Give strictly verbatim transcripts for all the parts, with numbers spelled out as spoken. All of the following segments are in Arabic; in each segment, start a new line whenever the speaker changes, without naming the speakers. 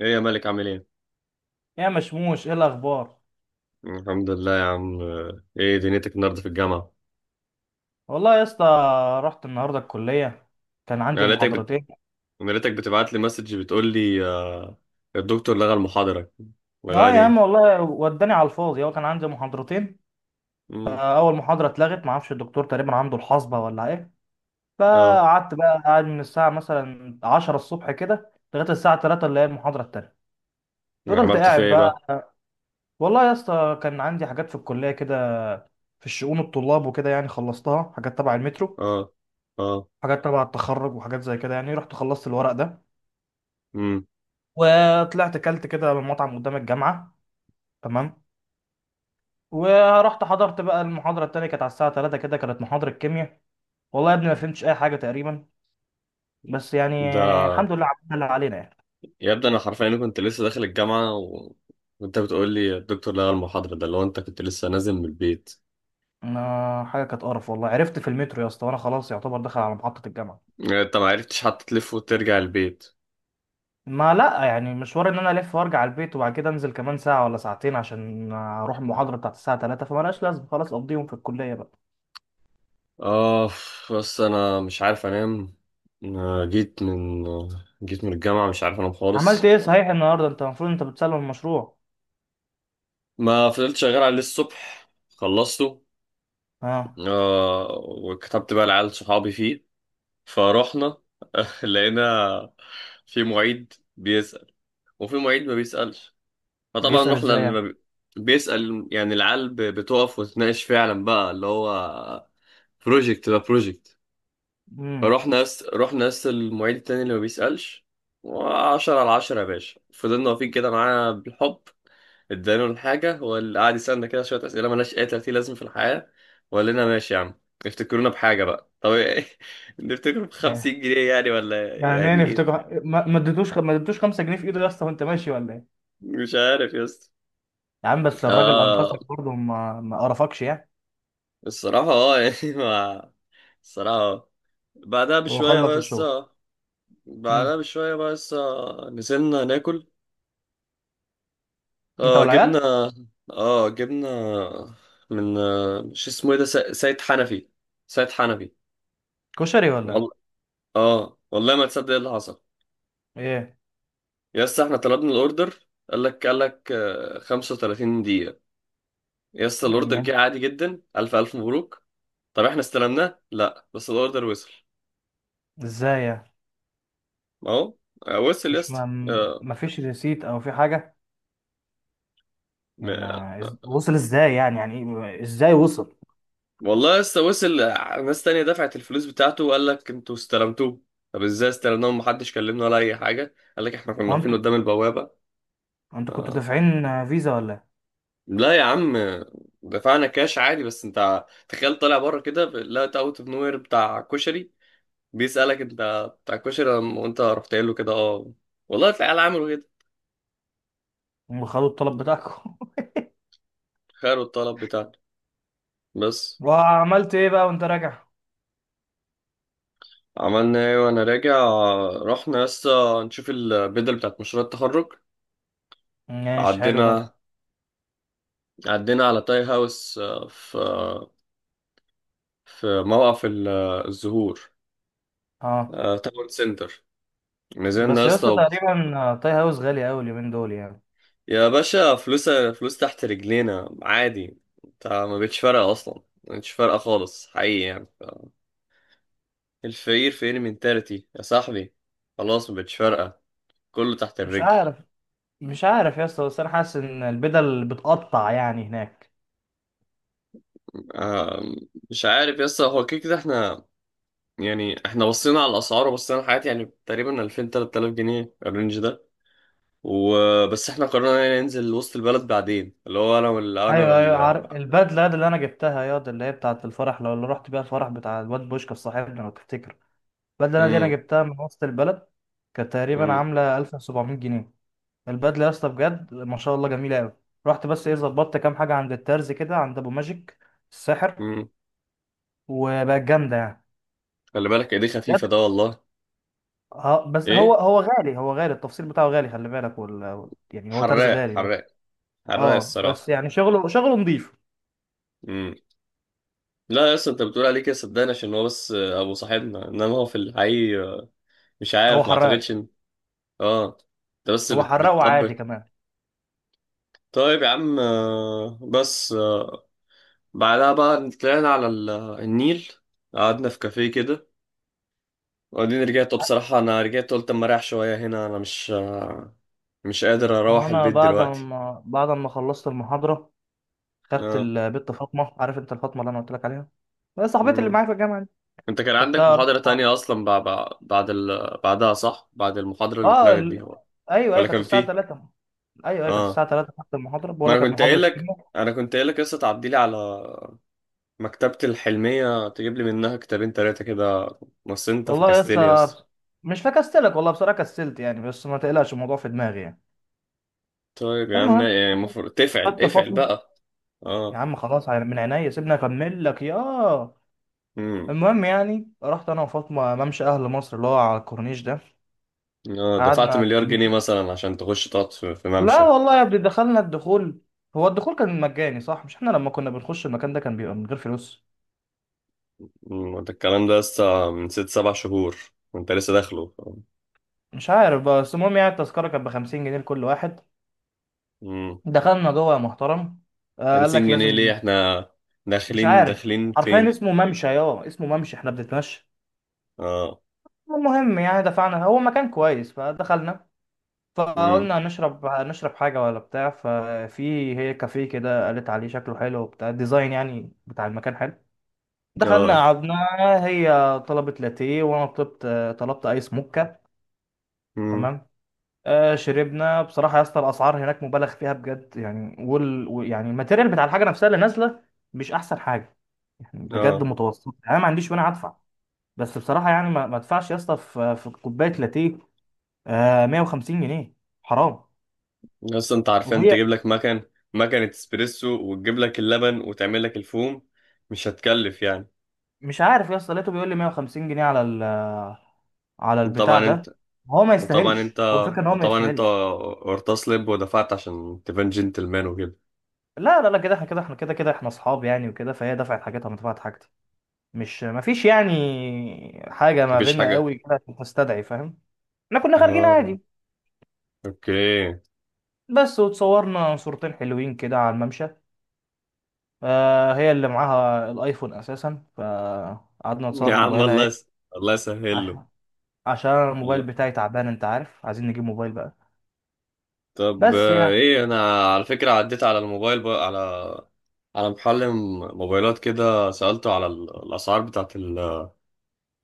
ايه يا مالك عامل ايه؟
يا مشموش ايه الاخبار؟
الحمد لله يا عم. ايه دنيتك النهارده في الجامعة؟
والله يا اسطى، رحت النهارده الكليه، كان عندي
انا لقيتك بت...
محاضرتين.
انا لقيتك بتبعت لي مسج بتقول لي آه، الدكتور لغى المحاضرة.
اه
لغاها
يا عم
ليه؟
والله، وداني على الفاضي. هو كان عندي محاضرتين،
امم
اول محاضره اتلغت، ما اعرفش الدكتور تقريبا عنده الحصبه ولا ايه.
اه.
فقعدت بقى قاعد من الساعه مثلا عشرة الصبح كده لغايه الساعه ثلاثة اللي هي المحاضره التانيه. فضلت
عملت فيها
قاعد
ايه
بقى.
بقى؟
والله يا اسطى كان عندي حاجات في الكليه كده، في الشؤون الطلاب وكده، يعني خلصتها. حاجات تبع المترو،
اه، اه،
حاجات تبع التخرج وحاجات زي كده، يعني رحت خلصت الورق ده
امم
وطلعت اكلت كده من مطعم قدام الجامعه. تمام. ورحت حضرت بقى المحاضره التانية، كانت على الساعه تلاتة كده، كانت محاضره كيمياء. والله يا ابني ما فهمتش اي حاجه تقريبا، بس يعني
ده
الحمد لله عملنا اللي علينا يعني.
يبدو انا حرفيا كنت لسه داخل الجامعة و... وانت بتقول لي الدكتور لغى المحاضرة، ده اللي هو انت كنت لسه نازل من البيت.
ما- حاجه كانت قرف والله، عرفت في المترو يا اسطى وانا خلاص يعتبر داخل على محطه الجامعه.
آه، انت ما عرفتش حتى تلف وترجع البيت.
ما لا يعني مشوار ان انا الف وارجع البيت وبعد كده انزل كمان ساعه ولا ساعتين عشان اروح المحاضره بتاعت الساعه تلاتة، فمالهاش لازمه، خلاص اقضيهم في الكليه بقى.
اه بس انا مش عارف انام. أنا جيت من جيت من الجامعه مش عارف انام
عملت
خالص.
ايه صحيح النهارده؟ انت المفروض انت بتسلم المشروع.
ما فضلت شغال عليه الصبح، خلصته.
اه.
آه، وكتبت بقى لعيال صحابي فيه. فرحنا. لقينا في معيد بيسأل وفي معيد ما بيسألش. فطبعا
بيسأل
رحنا
ازاي
اللي ما
يعني؟
بي- بيسأل، يعني العيال ب- بتقف وتناقش فعلا بقى، اللي هو بروجكت ده بروجكت.
امم
رحنا ناس رحنا ناس المعيد التاني اللي ما بيسألش. وعشرة على عشرة يا باشا، فضلنا واقفين كده معانا بالحب. ادانا الحاجة، هو اللي قعد يسألنا كده شوية أسئلة مالهاش أي تلاتين لازم في الحياة، وقال لنا ماشي يا عم. افتكرونا بحاجة بقى، طب إيه؟ نفتكر بخمسين جنيه يعني، ولا
يعني ايه
يعني ايه.
نفتكر؟ ما ما اديتوش، ما اديتوش خمسة جنيه في ايده يا اسطى وانت ماشي ولا ايه؟
مش عارف يا اسطى.
يا عم بس الراجل
اه،
انقذك برضه، ما ما قرفكش يعني.
الصراحة اه يعني ما الصراحة اه. بعدها
هو
بشوية
خلص
بقى
الشغل؟
لسه
امم
بعدها بشوية بقى لسه نزلنا ناكل.
انت
اه جبنا
والعيال؟
اه جبنا من آه، مش اسمه ايه ده، س- سيد حنفي. سيد حنفي.
كشري ولا
والله اه، والله ما تصدق ايه اللي حصل.
ايه؟
يا اسطى احنا طلبنا الاوردر، قال لك قال لك آه، خمسة وتلاتين دقيقة. يا اسطى
مم،
الاوردر جه
ماشي.
عادي جدا، الف الف مبروك. طب احنا استلمناه؟ لا بس الاوردر وصل.
ازاي يعني؟
ما هو آه، وصل يا
مش
اسطى.
ما ما فيش ريسيت او في حاجه يعني؟
آه،
ما إز- وصل ازاي يعني؟ يعني إيه؟ ازاي وصل؟
والله لسه وصل. ناس تانية دفعت الفلوس بتاعته وقال لك انتوا استلمتوه. طب ازاي استلمناه ومحدش كلمنا ولا اي حاجة؟ قال لك احنا كنا
هو
واقفين
انت،
قدام البوابة.
انت كنتوا
آه.
دافعين فيزا ولا إيه؟
لا يا عم، دفعنا كاش عادي. بس انت تخيل طالع بره كده لقيت اوت اوف نوير بتاع كشري بيسألك انت بتاع كشري لما- وانت رحت قايل له كده اه. والله العيال عملوا كده،
هم خدوا الطلب بتاعكم.
خيروا الطلب بتاعنا بس.
وعملت ايه بقى وانت راجع؟
عملنا ايه وانا راجع؟ رحنا لسه نشوف البدل بتاعت مشروع التخرج.
ماشي، حلو ده.
عدينا. عدينا على تاي هاوس آه، في آه، في موقف ال- آه، الزهور،
اه
آه، تاون سنتر. نزلنا يا
بس يا
اسطى
اسطى
وب-
تقريبا تاي هاوس غالي قوي اليومين دول يعني.
يا باشا فلوس فلوس تحت رجلينا عادي. انت ما بقتش فارقه اصلا، ما بقتش فارقه خالص حقيقي يعني ف- الفقير فقير منتاليتي يا صاحبي. خلاص ما بقتش فارقه، كله تحت
مش
الرجل.
عارف، مش عارف يا اسطى بس انا حاسس ان البدل بتقطع يعني هناك.
آه، مش عارف يا اسطى، هو كده كده احنا، يعني احنا بصينا على الاسعار وبصينا على الحاجات، يعني تقريبا ألفين تلات آلاف جنيه الرينج ده. وبس احنا قررنا يعني ننزل وسط البلد بعدين، اللي هو انا وال انا
ايوه ايوه،
وال.
عارف البدله دي اللي انا جبتها؟ يا دي اللي هي بتاعه الفرح، لو اللي رحت بيها الفرح بتاع الواد بوشكا صاحبنا لو تفتكر. البدله دي انا
امم.
جبتها من وسط البلد، كانت تقريبا
امم.
عامله ألف وسبعمائة جنيه. البدله يا اسطى بجد ما شاء الله جميله قوي. رحت بس ايه، ظبطت كام حاجه عند الترز كده عند ابو ماجيك الساحر،
امم.
وبقت جامده يعني،
خلي بالك ايديه
بجد.
خفيفه ده والله.
اه بس هو،
ايه،
هو غالي، هو غالي التفصيل بتاعه غالي، خلي بالك. وال... يعني هو ترز
حراق
غالي بس.
حراق، حراق
اه بس
الصراحه.
يعني شغله، شغله نظيف.
امم. لا يا اسطى، انت بتقول عليه كده صدقني عشان هو بس ابو صاحبنا، انما هو في الحقيقي مش
هو
عارف، ما اعتقدش
حراق.
ان. اه، انت بس
هو
بت...
حراق وعادي
بتطبل.
كمان.
طيب يا عم، آه، بس آه، بعدها بقى طلعنا على ال- النيل. قعدنا في كافيه كده. وبعدين رجعت بصراحة، أنا رجعت قلت أما أريح شوية هنا، أنا مش مش قادر أروح
وانا
البيت
بعد
دلوقتي.
ما بعد ما خلصت المحاضره، خدت
آه.
البت فاطمه، عارف انت الفاطمه اللي انا قلت لك عليها؟ هي صاحبتي اللي
مم.
معايا في الجامعه دي.
أنت كان عندك
خدتها رحت
محاضرة
مع-
تانية أصلا، بعد بعد ال... بعدها صح؟ بعد المحاضرة اللي
اه
اتلغت دي
ال...
هو،
ايوه ايوه
ولا
كانت
كان
الساعه
فيه؟
تلاتة. ايوه ايوه كانت الساعه
آه.
ثلاثة، خدت المحاضره،
ما
بقول لك
أنا
كانت
كنت
محاضره
قايل لك
كيمياء.
أنا كنت قايل لك لسه تعدي لي على مكتبة الحلمية تجيب لي منها كتابين تلاتة كده، بس أنت
والله يا
فكستلي
اسطى
يس.
بس- مش بكسلك والله، بصراحه كسلت يعني، بس ما تقلقش الموضوع في دماغي يعني.
طيب يا عم،
المهم،
يعني المفروض تفعل
خدت
افعل
فاطمه.
بقى.
يا
آه.
عم خلاص، على- من عينيا، سيبني اكمل لك ياه.
مم.
المهم يعني، رحت انا وفاطمه ممشى اهل مصر اللي هو على الكورنيش ده.
آه، دفعت
قعدنا،
مليار جنيه
مش،
مثلا عشان تخش تقعد في في
لا
ممشى.
والله يا ابني دخلنا. الدخول، هو الدخول كان مجاني صح؟ مش احنا لما كنا بنخش المكان ده كان بيبقى من غير فلوس؟
أمم، ده الكلام ده لسه من ست سبع شهور وانت لسه داخله.
مش عارف بقى، بس المهم يعني التذكره كانت ب خمسين جنيه لكل واحد.
امم.
دخلنا جوه يا محترم. آه قال
50
لك
جنيه ليه؟
لازم.
احنا
مش
داخلين
عارف،
داخلين
حرفيا
فين؟
اسمه ممشى، يا اسمه ممشى احنا بنتمشى.
اه.
المهم يعني دفعنا، هو مكان كويس فدخلنا.
امم.
فقلنا نشرب، نشرب حاجة ولا بتاع. ففي هي كافيه كده قالت عليه شكله حلو وبتاع، ديزاين يعني بتاع المكان حلو. دخلنا
اه.
قعدنا. هي طلبت لاتيه وانا طلبت، طلبت ايس موكا.
امم.
تمام. آه شربنا. بصراحة يا اسطى الاسعار هناك مبالغ فيها بجد يعني. وال و- يعني الماتيريال بتاع الحاجة نفسها اللي نازلة مش احسن حاجة يعني، بجد
اه.
متوسط. انا ما عنديش وانا هدفع، بس بصراحة يعني ما ما ادفعش يا اسطى في في كوباية لاتيه آه مئة وخمسين جنيه. حرام.
لسه انت عارفان
وهي،
تجيب لك مكن مكنة اسبريسو وتجيب لك اللبن وتعمل لك الفوم، مش هتكلف يعني.
مش عارف يا اسطى لقيته بيقول لي مية وخمسين جنيه على ال، على البتاع
وطبعا انت
ده. هو ما
وطبعا انت
يستاهلش، هو الفكره ان هو ما
وطبعا انت
يستاهلش.
ارتسلب ودفعت عشان تبان جنتلمان وكده.
لا لا لا، كده احنا، كده احنا، كده كده احنا اصحاب يعني وكده، فهي دفعت حاجتها وانا دفعت حاجتي. مش ما فيش يعني حاجه ما
مفيش
بيننا
حاجة.
قوي كده عشان تستدعي، فاهم. احنا كنا خارجين
اه.
عادي
اوكي.
بس. وتصورنا صورتين حلوين كده على الممشى. آه هي اللي معاها الايفون اساسا، فقعدنا
يا
نتصور
عم
بموبايلها
الله
ايه،
يس... الله يسهل له.
عشان، عشان الموبايل
الله.
بتاعي تعبان، انت عارف عايزين نجيب موبايل بقى.
طب
بس
آه،
يعني
ايه، انا على فكرة عديت على الموبايل بقى، على على محل م- موبايلات كده، سألته على ال- الاسعار بتاعت ال-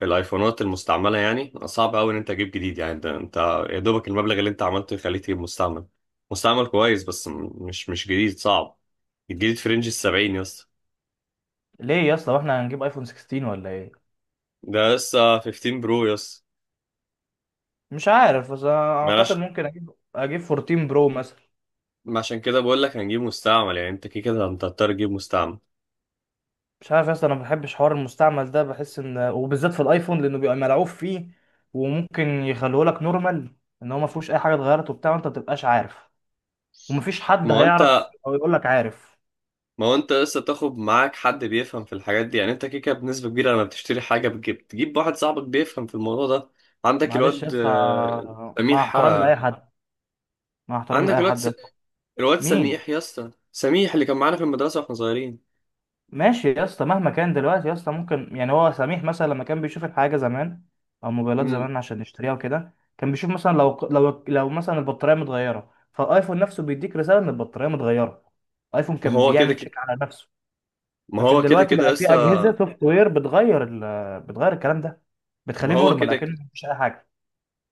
الايفونات المستعملة. يعني صعب قوي ان انت تجيب جديد، يعني ده انت يا دوبك المبلغ اللي انت عملته يخليك تجيب مستعمل. مستعمل كويس بس م- مش مش جديد، صعب. الجديد في رينج السبعين يا اسطى.
ليه يا اسطى، واحنا هنجيب ايفون ستاشر ولا ايه؟
ده لسه خمستاشر برو يا اسطى.
مش عارف بس أنا
ما أنا
اعتقد
عش-
ممكن اجيب، اجيب اربعتاشر برو مثلا.
ما عشان كده بقول لك هنجيب مستعمل، يعني انت كده كده انت هتضطر تجيب مستعمل.
مش عارف يا اسطى، انا ما بحبش حوار المستعمل ده، بحس ان، وبالذات في الايفون لانه بيبقى ملعوب فيه. وممكن يخلوه لك نورمال، ان هو ما فيهوش اي حاجه اتغيرت وبتاع، وانت ما تبقاش عارف، ومفيش حد
ما هو
هيعرف او يقول لك، عارف.
ما هو انت لسه تاخد معاك حد بيفهم في الحاجات دي، يعني انت كده كده بنسبة كبيرة لما بتشتري حاجة بتجيب تجيب واحد صاحبك بيفهم في الموضوع ده. عندك
معلش يا
الواد
اسطى،
آه،
مع
سميح
احترامي لاي
آه،
حد، مع احترامي
عندك
لاي
الواد
حد
س...
يا اسطى.
الواد
مين؟
سميح يا اسطى، سميح اللي كان معانا في المدرسة واحنا صغيرين.
ماشي يا اسطى، مهما كان دلوقتي يا اسطى، ممكن يعني هو سميح مثلا لما كان بيشوف الحاجه زمان او موبايلات
مم.
زمان عشان يشتريها وكده، كان بيشوف مثلا لو لو لو مثلا البطاريه متغيره، فالايفون نفسه بيديك رساله ان البطاريه متغيره. الايفون
ما
كان
هو كده
بيعمل
كده،
تشيك على نفسه.
ما
لكن
هو كده
دلوقتي
كده
بقى
يا
في
اسطى.
اجهزه سوفت وير بتغير ال... بتغير الكلام ده،
ما
بتخليه
هو
نورمال،
كده
لكن
ك-
مفيش اي حاجه.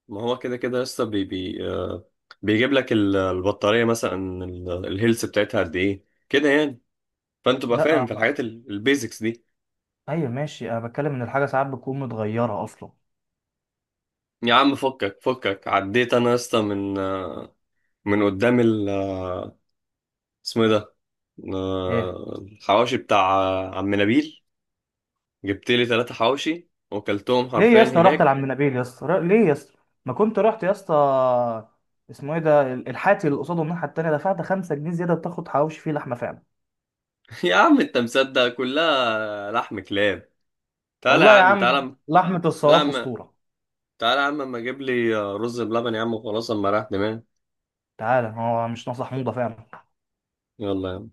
ما هو كده كده يا اسطى، بي... بي... آه، بيجيب لك ال- البطارية مثلا ال- الهيلث بتاعتها قد ايه كده يعني. فانت تبقى
لا،
فاهم في الحاجات البيزكس.
ايوه ماشي، انا بتكلم ان الحاجه ساعات بتكون متغيره اصلا.
يا عم فكك فكك، عديت انا يا اسطى من من قدام ال اسمه ايه ده،
ايه؟
آه، الحواوشي بتاع عم نبيل. جبت لي ثلاثة حواوشي وكلتهم
ليه يا
حرفيا
اسطى رحت
هناك.
لعم نبيل يا اسطى؟ ر- ليه يا اسطى؟ ما كنت رحت يا اسطى اسمه ايه ده، ال- الحاتي اللي قصاده الناحيه التانيه، دفعت خمسة جنيه زياده تاخد حواوشي فيه لحمه فعلا.
يا عم انت مصدق كلها لحم كلاب. تعالى يا
والله يا
عم
عم
تعالى.
لحمه
تعالى يا
الصواف
عم،
اسطوره.
تعالى يا عم اما اجيب لي رز بلبن يا عم وخلاص، اما راح دماغي.
تعالى، هو مش ناصح حموضه فعلا.
يلا يا عم.